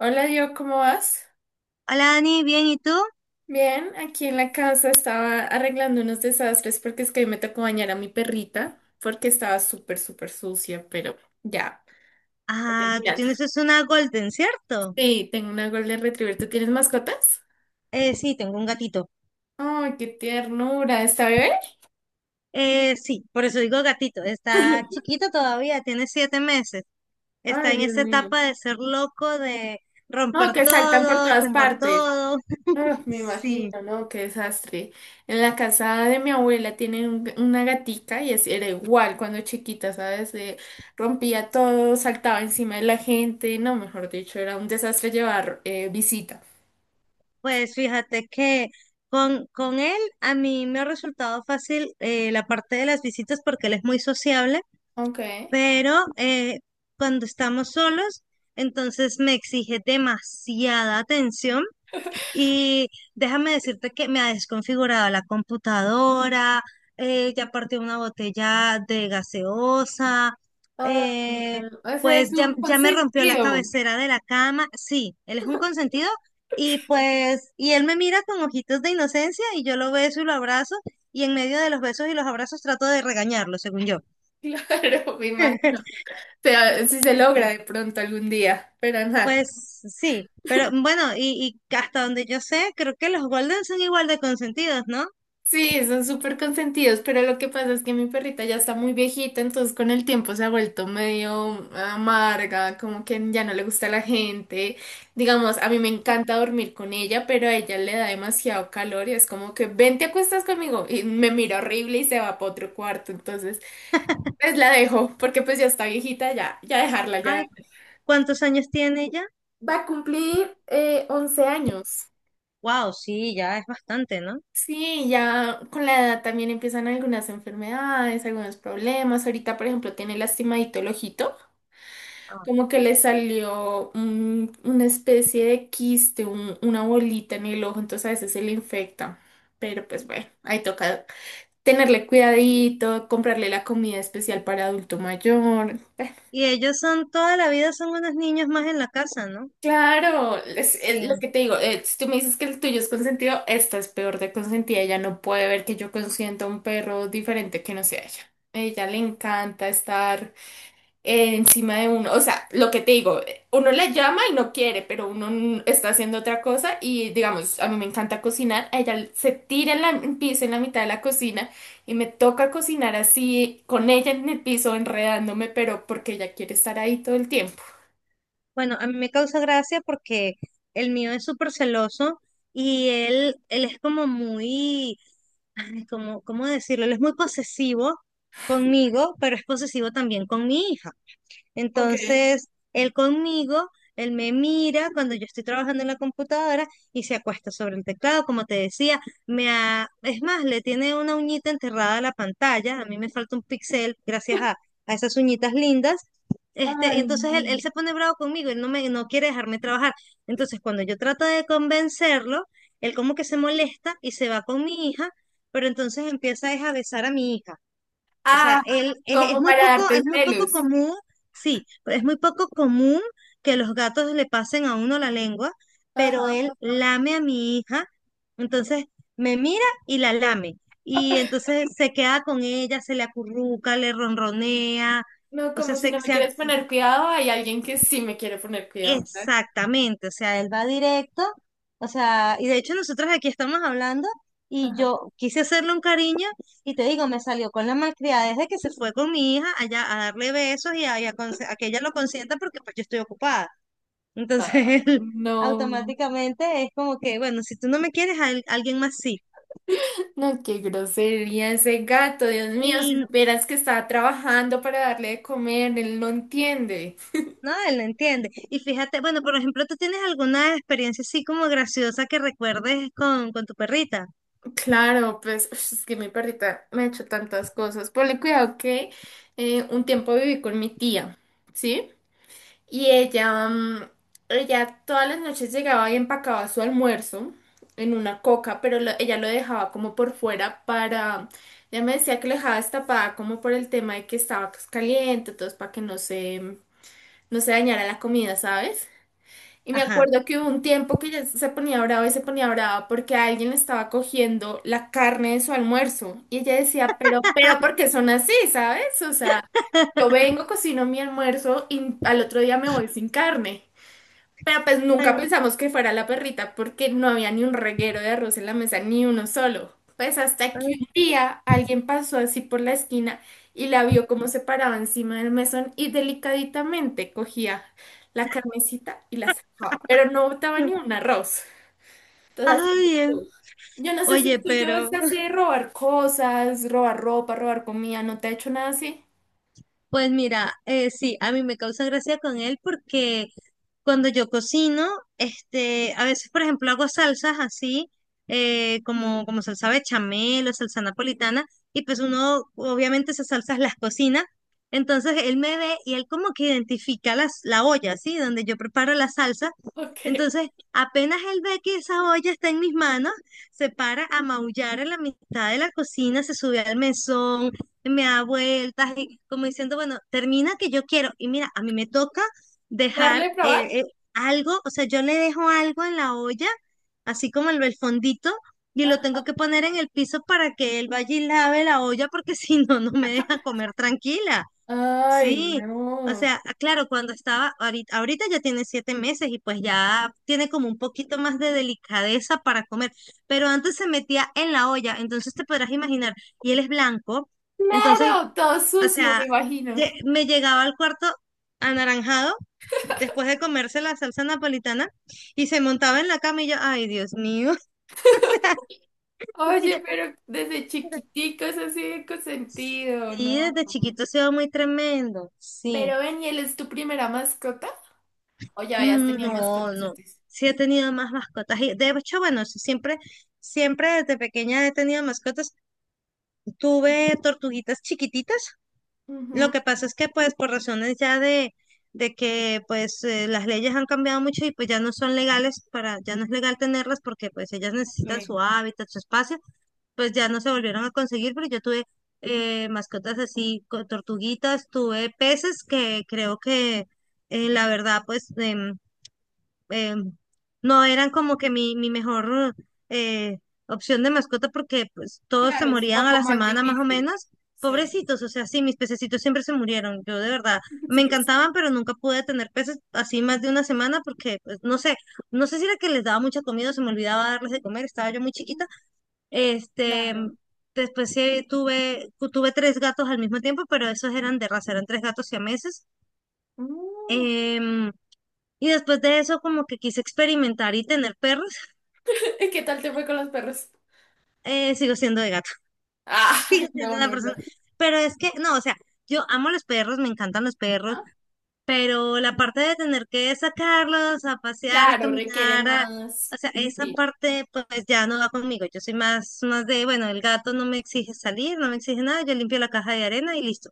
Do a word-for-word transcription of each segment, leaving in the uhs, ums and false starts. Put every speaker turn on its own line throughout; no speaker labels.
Hola, yo, ¿cómo vas?
Hola Dani, bien, ¿y tú?
Bien, aquí en la casa estaba arreglando unos desastres porque es que hoy me tocó bañar a mi perrita porque estaba súper, súper sucia, pero ya, estoy
Ah, tú
terminando.
tienes es una Golden, ¿cierto?
Sí, tengo una Golden Retriever. ¿Tú tienes mascotas?
Eh, sí, tengo un gatito.
Ay, qué ternura, ¿está bebé?
Eh, sí, por eso digo gatito. Está chiquito todavía, tiene siete meses. Está
Ay,
en
Dios
esa
mío.
etapa de ser loco, de
No,
romper
que saltan por
todo,
todas
tumbar
partes.
todo.
Ah, me
Sí,
imagino, ¿no? Qué desastre. En la casa de mi abuela tienen un- una gatica y así era igual cuando chiquita, ¿sabes? De- rompía todo, saltaba encima de la gente, no, mejor dicho, era un desastre llevar eh, visita.
pues fíjate que con, con él a mí me ha resultado fácil eh, la parte de las visitas porque él es muy sociable.
Ok.
Pero eh, cuando estamos solos, entonces me exige demasiada atención y déjame decirte que me ha desconfigurado la computadora. Eh, ya partió una botella de gaseosa,
Ah,
eh,
no, ese es
pues ya,
un
ya me rompió la
consentido.
cabecera de la cama. Sí, él es un consentido, y pues, y él me mira con ojitos de inocencia y yo lo beso y lo abrazo. Y en medio de los besos y los abrazos trato de regañarlo, según yo.
Claro, me imagino. O sea, si se logra de pronto algún día, pero nada.
Pues sí, pero bueno, y, y hasta donde yo sé, creo que los Golden son igual de consentidos, ¿no?
Sí, son súper consentidos, pero lo que pasa es que mi perrita ya está muy viejita, entonces con el tiempo se ha vuelto medio amarga, como que ya no le gusta la gente. Digamos, a mí me encanta dormir con ella, pero a ella le da demasiado calor y es como que ven, te acuestas conmigo y me mira horrible y se va para otro cuarto. Entonces, pues la dejo, porque pues ya está viejita, ya, ya dejarla, ya.
Ay, ¿cuántos años tiene ella?
Va a cumplir eh, once años.
Wow, sí, ya es bastante, ¿no?
Sí, ya con la edad también empiezan algunas enfermedades, algunos problemas. Ahorita, por ejemplo, tiene lastimadito el ojito,
Ah.
como que le salió un- una especie de quiste, un- una bolita en el ojo, entonces a veces se le infecta. Pero pues bueno, ahí toca tenerle cuidadito, comprarle la comida especial para adulto mayor. Bueno,
Y ellos son, toda la vida son unos niños más en la casa, ¿no?
claro, es, es lo
Sí.
que te digo, eh, si tú me dices que el tuyo es consentido, esta es peor de consentida, ella no puede ver que yo consiento a un perro diferente que no sea ella. A ella le encanta estar eh, encima de uno, o sea, lo que te digo, eh, uno le llama y no quiere, pero uno n- está haciendo otra cosa y digamos, a mí me encanta cocinar, a ella se tira en la- en piso en la mitad de la cocina y me toca cocinar así con ella en el piso enredándome, pero porque ella quiere estar ahí todo el tiempo.
Bueno, a mí me causa gracia porque el mío es súper celoso y él, él es como muy, ay, como, ¿cómo decirlo? Él es muy posesivo conmigo, pero es posesivo también con mi hija.
Ok.
Entonces, él conmigo, él me mira cuando yo estoy trabajando en la computadora y se acuesta sobre el teclado. Como te decía, me ha- es más, le tiene una uñita enterrada a la pantalla, a mí me falta un pixel gracias a, a, esas uñitas lindas. Este, y
Ay,
entonces él, él
no.
se pone bravo conmigo, él no me, no quiere dejarme trabajar. Entonces, cuando yo trato de convencerlo, él como que se molesta y se va con mi hija, pero entonces empieza es a besar a mi hija. O
Ah,
sea, él es, es
como
muy
para
poco, es
darte
muy poco
celos.
común. Sí, pero es muy poco común que los gatos le pasen a uno la lengua, pero
Ajá.
él lame a mi hija, entonces me mira y la lame. Y entonces se queda con ella, se le acurruca, le ronronea,
No,
o sea,
como si
se,
no me
se,
quieres poner cuidado, hay alguien que sí me quiere poner cuidado.
exactamente, o sea, él va directo. O sea, y de hecho nosotros aquí estamos hablando y yo quise hacerle un cariño y te digo, me salió con la malcriadez de que se fue con mi hija allá a darle besos y a, y a conse- a que ella lo consienta porque pues yo estoy ocupada. Entonces
Ah,
él
no,
automáticamente es como que, bueno, si tú no me quieres, al- alguien más sí.
no, qué grosería ese gato, Dios mío, si
Y
supieras que estaba trabajando para darle de comer, él no entiende.
no, él no entiende. Y fíjate, bueno, por ejemplo, ¿tú tienes alguna experiencia así como graciosa que recuerdes con, con, tu perrita?
Claro, pues ush, es que mi perrita me ha hecho tantas cosas. Ponle cuidado que eh, un tiempo viví con mi tía, ¿sí? Y ella, mm, ella todas las noches llegaba y empacaba su almuerzo en una coca, pero lo- ella lo dejaba como por fuera para, ella me decía que lo dejaba destapada como por el tema de que estaba pues, caliente, entonces para que no se, no se dañara la comida, ¿sabes? Y me
Ajá.
acuerdo que hubo un tiempo que ella se ponía brava y se ponía brava porque alguien le estaba cogiendo la carne de su almuerzo. Y ella decía, pero, pero, ¿por qué son así, ¿sabes? O sea, yo vengo, cocino mi almuerzo y al otro día me voy sin carne. Pero pues nunca
Ay,
pensamos que fuera la perrita porque no había ni un reguero de arroz en la mesa, ni uno solo. Pues hasta que
ay.
un día alguien pasó así por la esquina y la vio como se paraba encima del mesón y delicaditamente cogía la carnecita y la sacaba, pero no botaba ni un arroz. Entonces así es
Ay, es-
tú. Yo no sé
oye,
si tú yo es
pero
así de robar cosas, robar ropa, robar comida, ¿no te ha hecho nada así?
pues mira, eh, sí, a mí me causa gracia con él porque cuando yo cocino, este, a veces, por ejemplo, hago salsas así, eh,
Mm,
como, como salsa bechamel o salsa napolitana, y pues uno, obviamente, esas salsas las cocina. Entonces él me ve y él como que identifica las, la olla, ¿sí? Donde yo preparo la salsa.
ok.
Entonces, apenas él ve que esa olla está en mis manos, se para a maullar en la mitad de la cocina, se sube al mesón, me da vueltas y como diciendo, bueno, termina que yo quiero. Y mira, a mí me toca
¿Darle
dejar
a
eh,
probar?
eh, algo, o sea, yo le dejo algo en la olla, así como el, el fondito, y lo tengo
Ah,
que poner en el piso para que él vaya y lave la olla, porque si no, no me deja comer tranquila.
ay,
Sí, o
no.
sea, ah, claro, cuando estaba, ahorita, ahorita ya tiene siete meses y pues ya tiene como un poquito más de delicadeza para comer, pero antes se metía en la olla, entonces te podrás imaginar, y él es blanco. Entonces,
Claro, todo
o
sucio,
sea,
me imagino.
lle- me llegaba al cuarto anaranjado después de comerse la salsa napolitana y se montaba en la cama y yo, ay, Dios mío. Y yo,
Oye, pero desde chiquiticos así de consentido,
sí,
¿no?
desde chiquito se va muy tremendo, sí.
Pero ven, ¿y él es tu primera mascota? ¿O ya habías
Mm.
tenido
No,
mascotas
no.
antes?
Sí he tenido más mascotas. Y de hecho, bueno, sí, siempre, siempre, desde pequeña he tenido mascotas. Tuve tortuguitas chiquititas. Lo que
Ujú,
pasa es que, pues, por razones ya de, de que, pues, eh, las leyes han cambiado mucho y pues ya no son legales para, ya no es legal tenerlas porque, pues, ellas necesitan
ok.
su hábitat, su espacio. Pues ya no se volvieron a conseguir, pero yo tuve eh, mascotas así, co- tortuguitas, tuve peces que creo que eh, la verdad, pues, de eh, no eran como que mi, mi, mejor eh, opción de mascota porque pues todos se
Claro, es un
morían a
poco
la
más
semana más o
difícil.
menos.
Sí.
Pobrecitos, o sea, sí, mis pececitos siempre se murieron. Yo de verdad me encantaban, pero nunca pude tener peces así más de una semana porque, pues, no sé, no sé, si era que les daba mucha comida, o se me olvidaba darles de comer, estaba yo muy chiquita. Este,
Claro.
Después sí tuve, tuve tres gatos al mismo tiempo, pero esos eran de raza, eran tres gatos siameses.
Mm.
Meses y después de eso, como que quise experimentar y tener perros,
¿Y qué tal te fue con los perros?
eh, sigo siendo de gato,
Ah,
sigo siendo
no,
la
no,
persona.
no.
Pero es que, no, o sea, yo amo los perros, me encantan los perros,
Ah,
pero la parte de tener que sacarlos a pasear, a
claro, requiere
caminar, a-
más.
o sea, esa
Sí,
parte pues ya no va conmigo. Yo soy más, más de, bueno, el gato no me exige salir, no me exige nada, yo limpio la caja de arena y listo.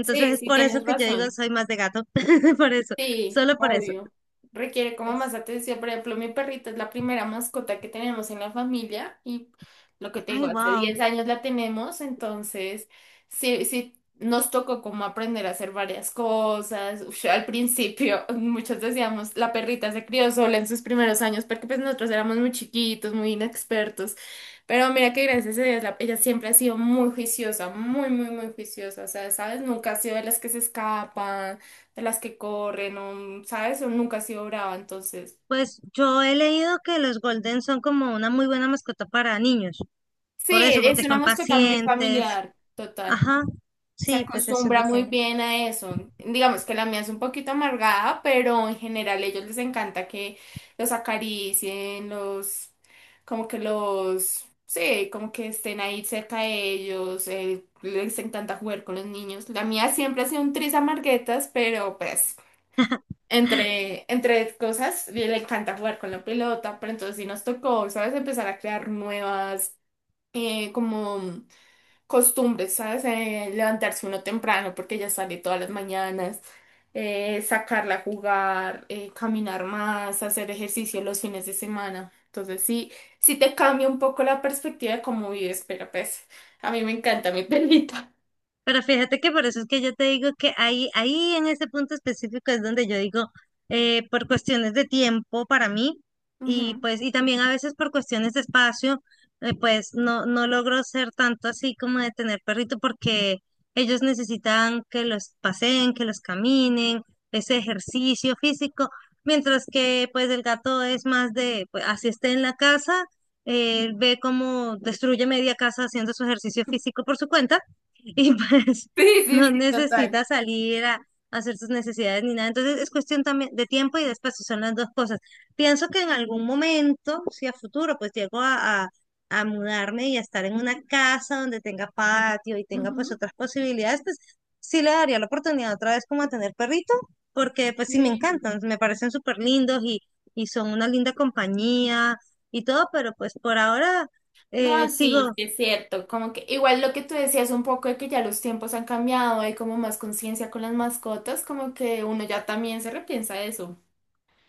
sí,
es
sí,
por eso
tienes
que yo digo
razón.
soy más de gato, por eso,
Sí,
solo por eso.
obvio. Requiere como más atención. Por ejemplo, mi perrita es la primera mascota que tenemos en la familia y lo que te digo,
Ay,
hace
wow.
diez años la tenemos, entonces sí, sí nos tocó como aprender a hacer varias cosas. Uf, al principio, muchos decíamos, la perrita se crió sola en sus primeros años porque pues nosotros éramos muy chiquitos, muy inexpertos. Pero mira que gracias a Dios, la- ella siempre ha sido muy juiciosa, muy, muy, muy juiciosa. O sea, ¿sabes? Nunca ha sido de las que se escapan de las que corren, o, ¿sabes? O nunca ha sido brava, entonces.
Pues yo he leído que los Golden son como una muy buena mascota para niños,
Sí,
por eso,
es
porque
una
son
mascota muy
pacientes.
familiar. Total.
Ajá,
Se
sí, pues eso es lo
acostumbra
que...
muy bien a eso. Digamos que la mía es un poquito amargada, pero en general a ellos les encanta que los acaricien, los, como que los, sí, como que estén ahí cerca de ellos, eh, les encanta jugar con los niños. La mía siempre ha sido un tris amarguetas, pero pues Entre, entre cosas, y le encanta jugar con la pelota, pero entonces sí nos tocó, ¿sabes? Empezar a crear nuevas, eh, como costumbres, ¿sabes? Eh, levantarse uno temprano porque ella sale todas las mañanas, eh, sacarla a jugar, eh, caminar más, hacer ejercicio los fines de semana. Entonces sí, sí te cambia un poco la perspectiva de cómo vives, pero pues a mí me encanta mi pelita.
Pero fíjate que por eso es que yo te digo que ahí, ahí, en ese punto específico es donde yo digo, eh, por cuestiones de tiempo para mí y
Ujú.
pues y también a veces por cuestiones de espacio, eh, pues no, no logro ser tanto así como de tener perrito porque ellos necesitan que los paseen, que los caminen, ese ejercicio físico, mientras que pues el gato es más de, pues, así esté en la casa, él ve cómo destruye media casa haciendo su ejercicio físico por su cuenta y pues
Sí, sí,
no
sí, total.
necesita salir a hacer sus necesidades ni nada. Entonces es cuestión también de tiempo y de espacio, son las dos cosas. Pienso que en algún momento, si a futuro, pues llego a, a, a mudarme y a estar en una casa donde tenga patio y tenga pues
Ujú.
otras posibilidades, pues sí le daría la oportunidad otra vez como a tener perrito, porque pues sí me encantan, me parecen súper lindos y, y son una linda compañía y todo, pero pues por ahora eh,
No, sí,
sigo.
sí es cierto. Como que igual lo que tú decías un poco de que ya los tiempos han cambiado, hay como más conciencia con las mascotas, como que uno ya también se repiensa eso.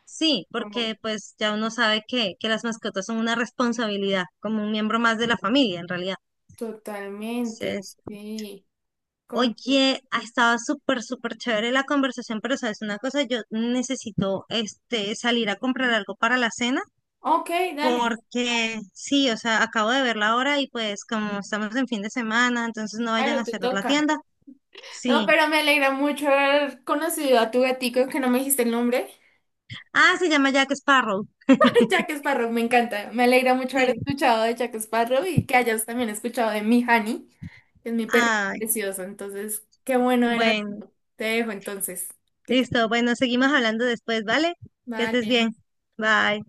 Sí,
Como
porque pues ya uno sabe que, que, las mascotas son una responsabilidad, como un miembro más de la familia en realidad.
totalmente,
Entonces,
sí. Como que,
oye, ha estado súper, súper chévere la conversación, pero sabes una cosa, yo necesito este salir a comprar algo para la cena,
ok, dale,
porque sí, o sea, acabo de ver la hora y pues como estamos en fin de semana, entonces no vayan
claro,
a
te
cerrar la
toca.
tienda.
No,
Sí.
pero me alegra mucho haber conocido a tu gatico, que no me dijiste el nombre.
Ah, se llama Jack Sparrow.
Jack Sparrow, me encanta. Me alegra mucho haber
Sí.
escuchado de Jack Sparrow y que hayas también escuchado de mi Honey, que es mi perrito
Ay,
precioso. Entonces, qué bueno era.
bueno,
Te dejo entonces. Que te...
listo, bueno, seguimos hablando después, ¿vale? Que estés
Vale.
bien. Bye.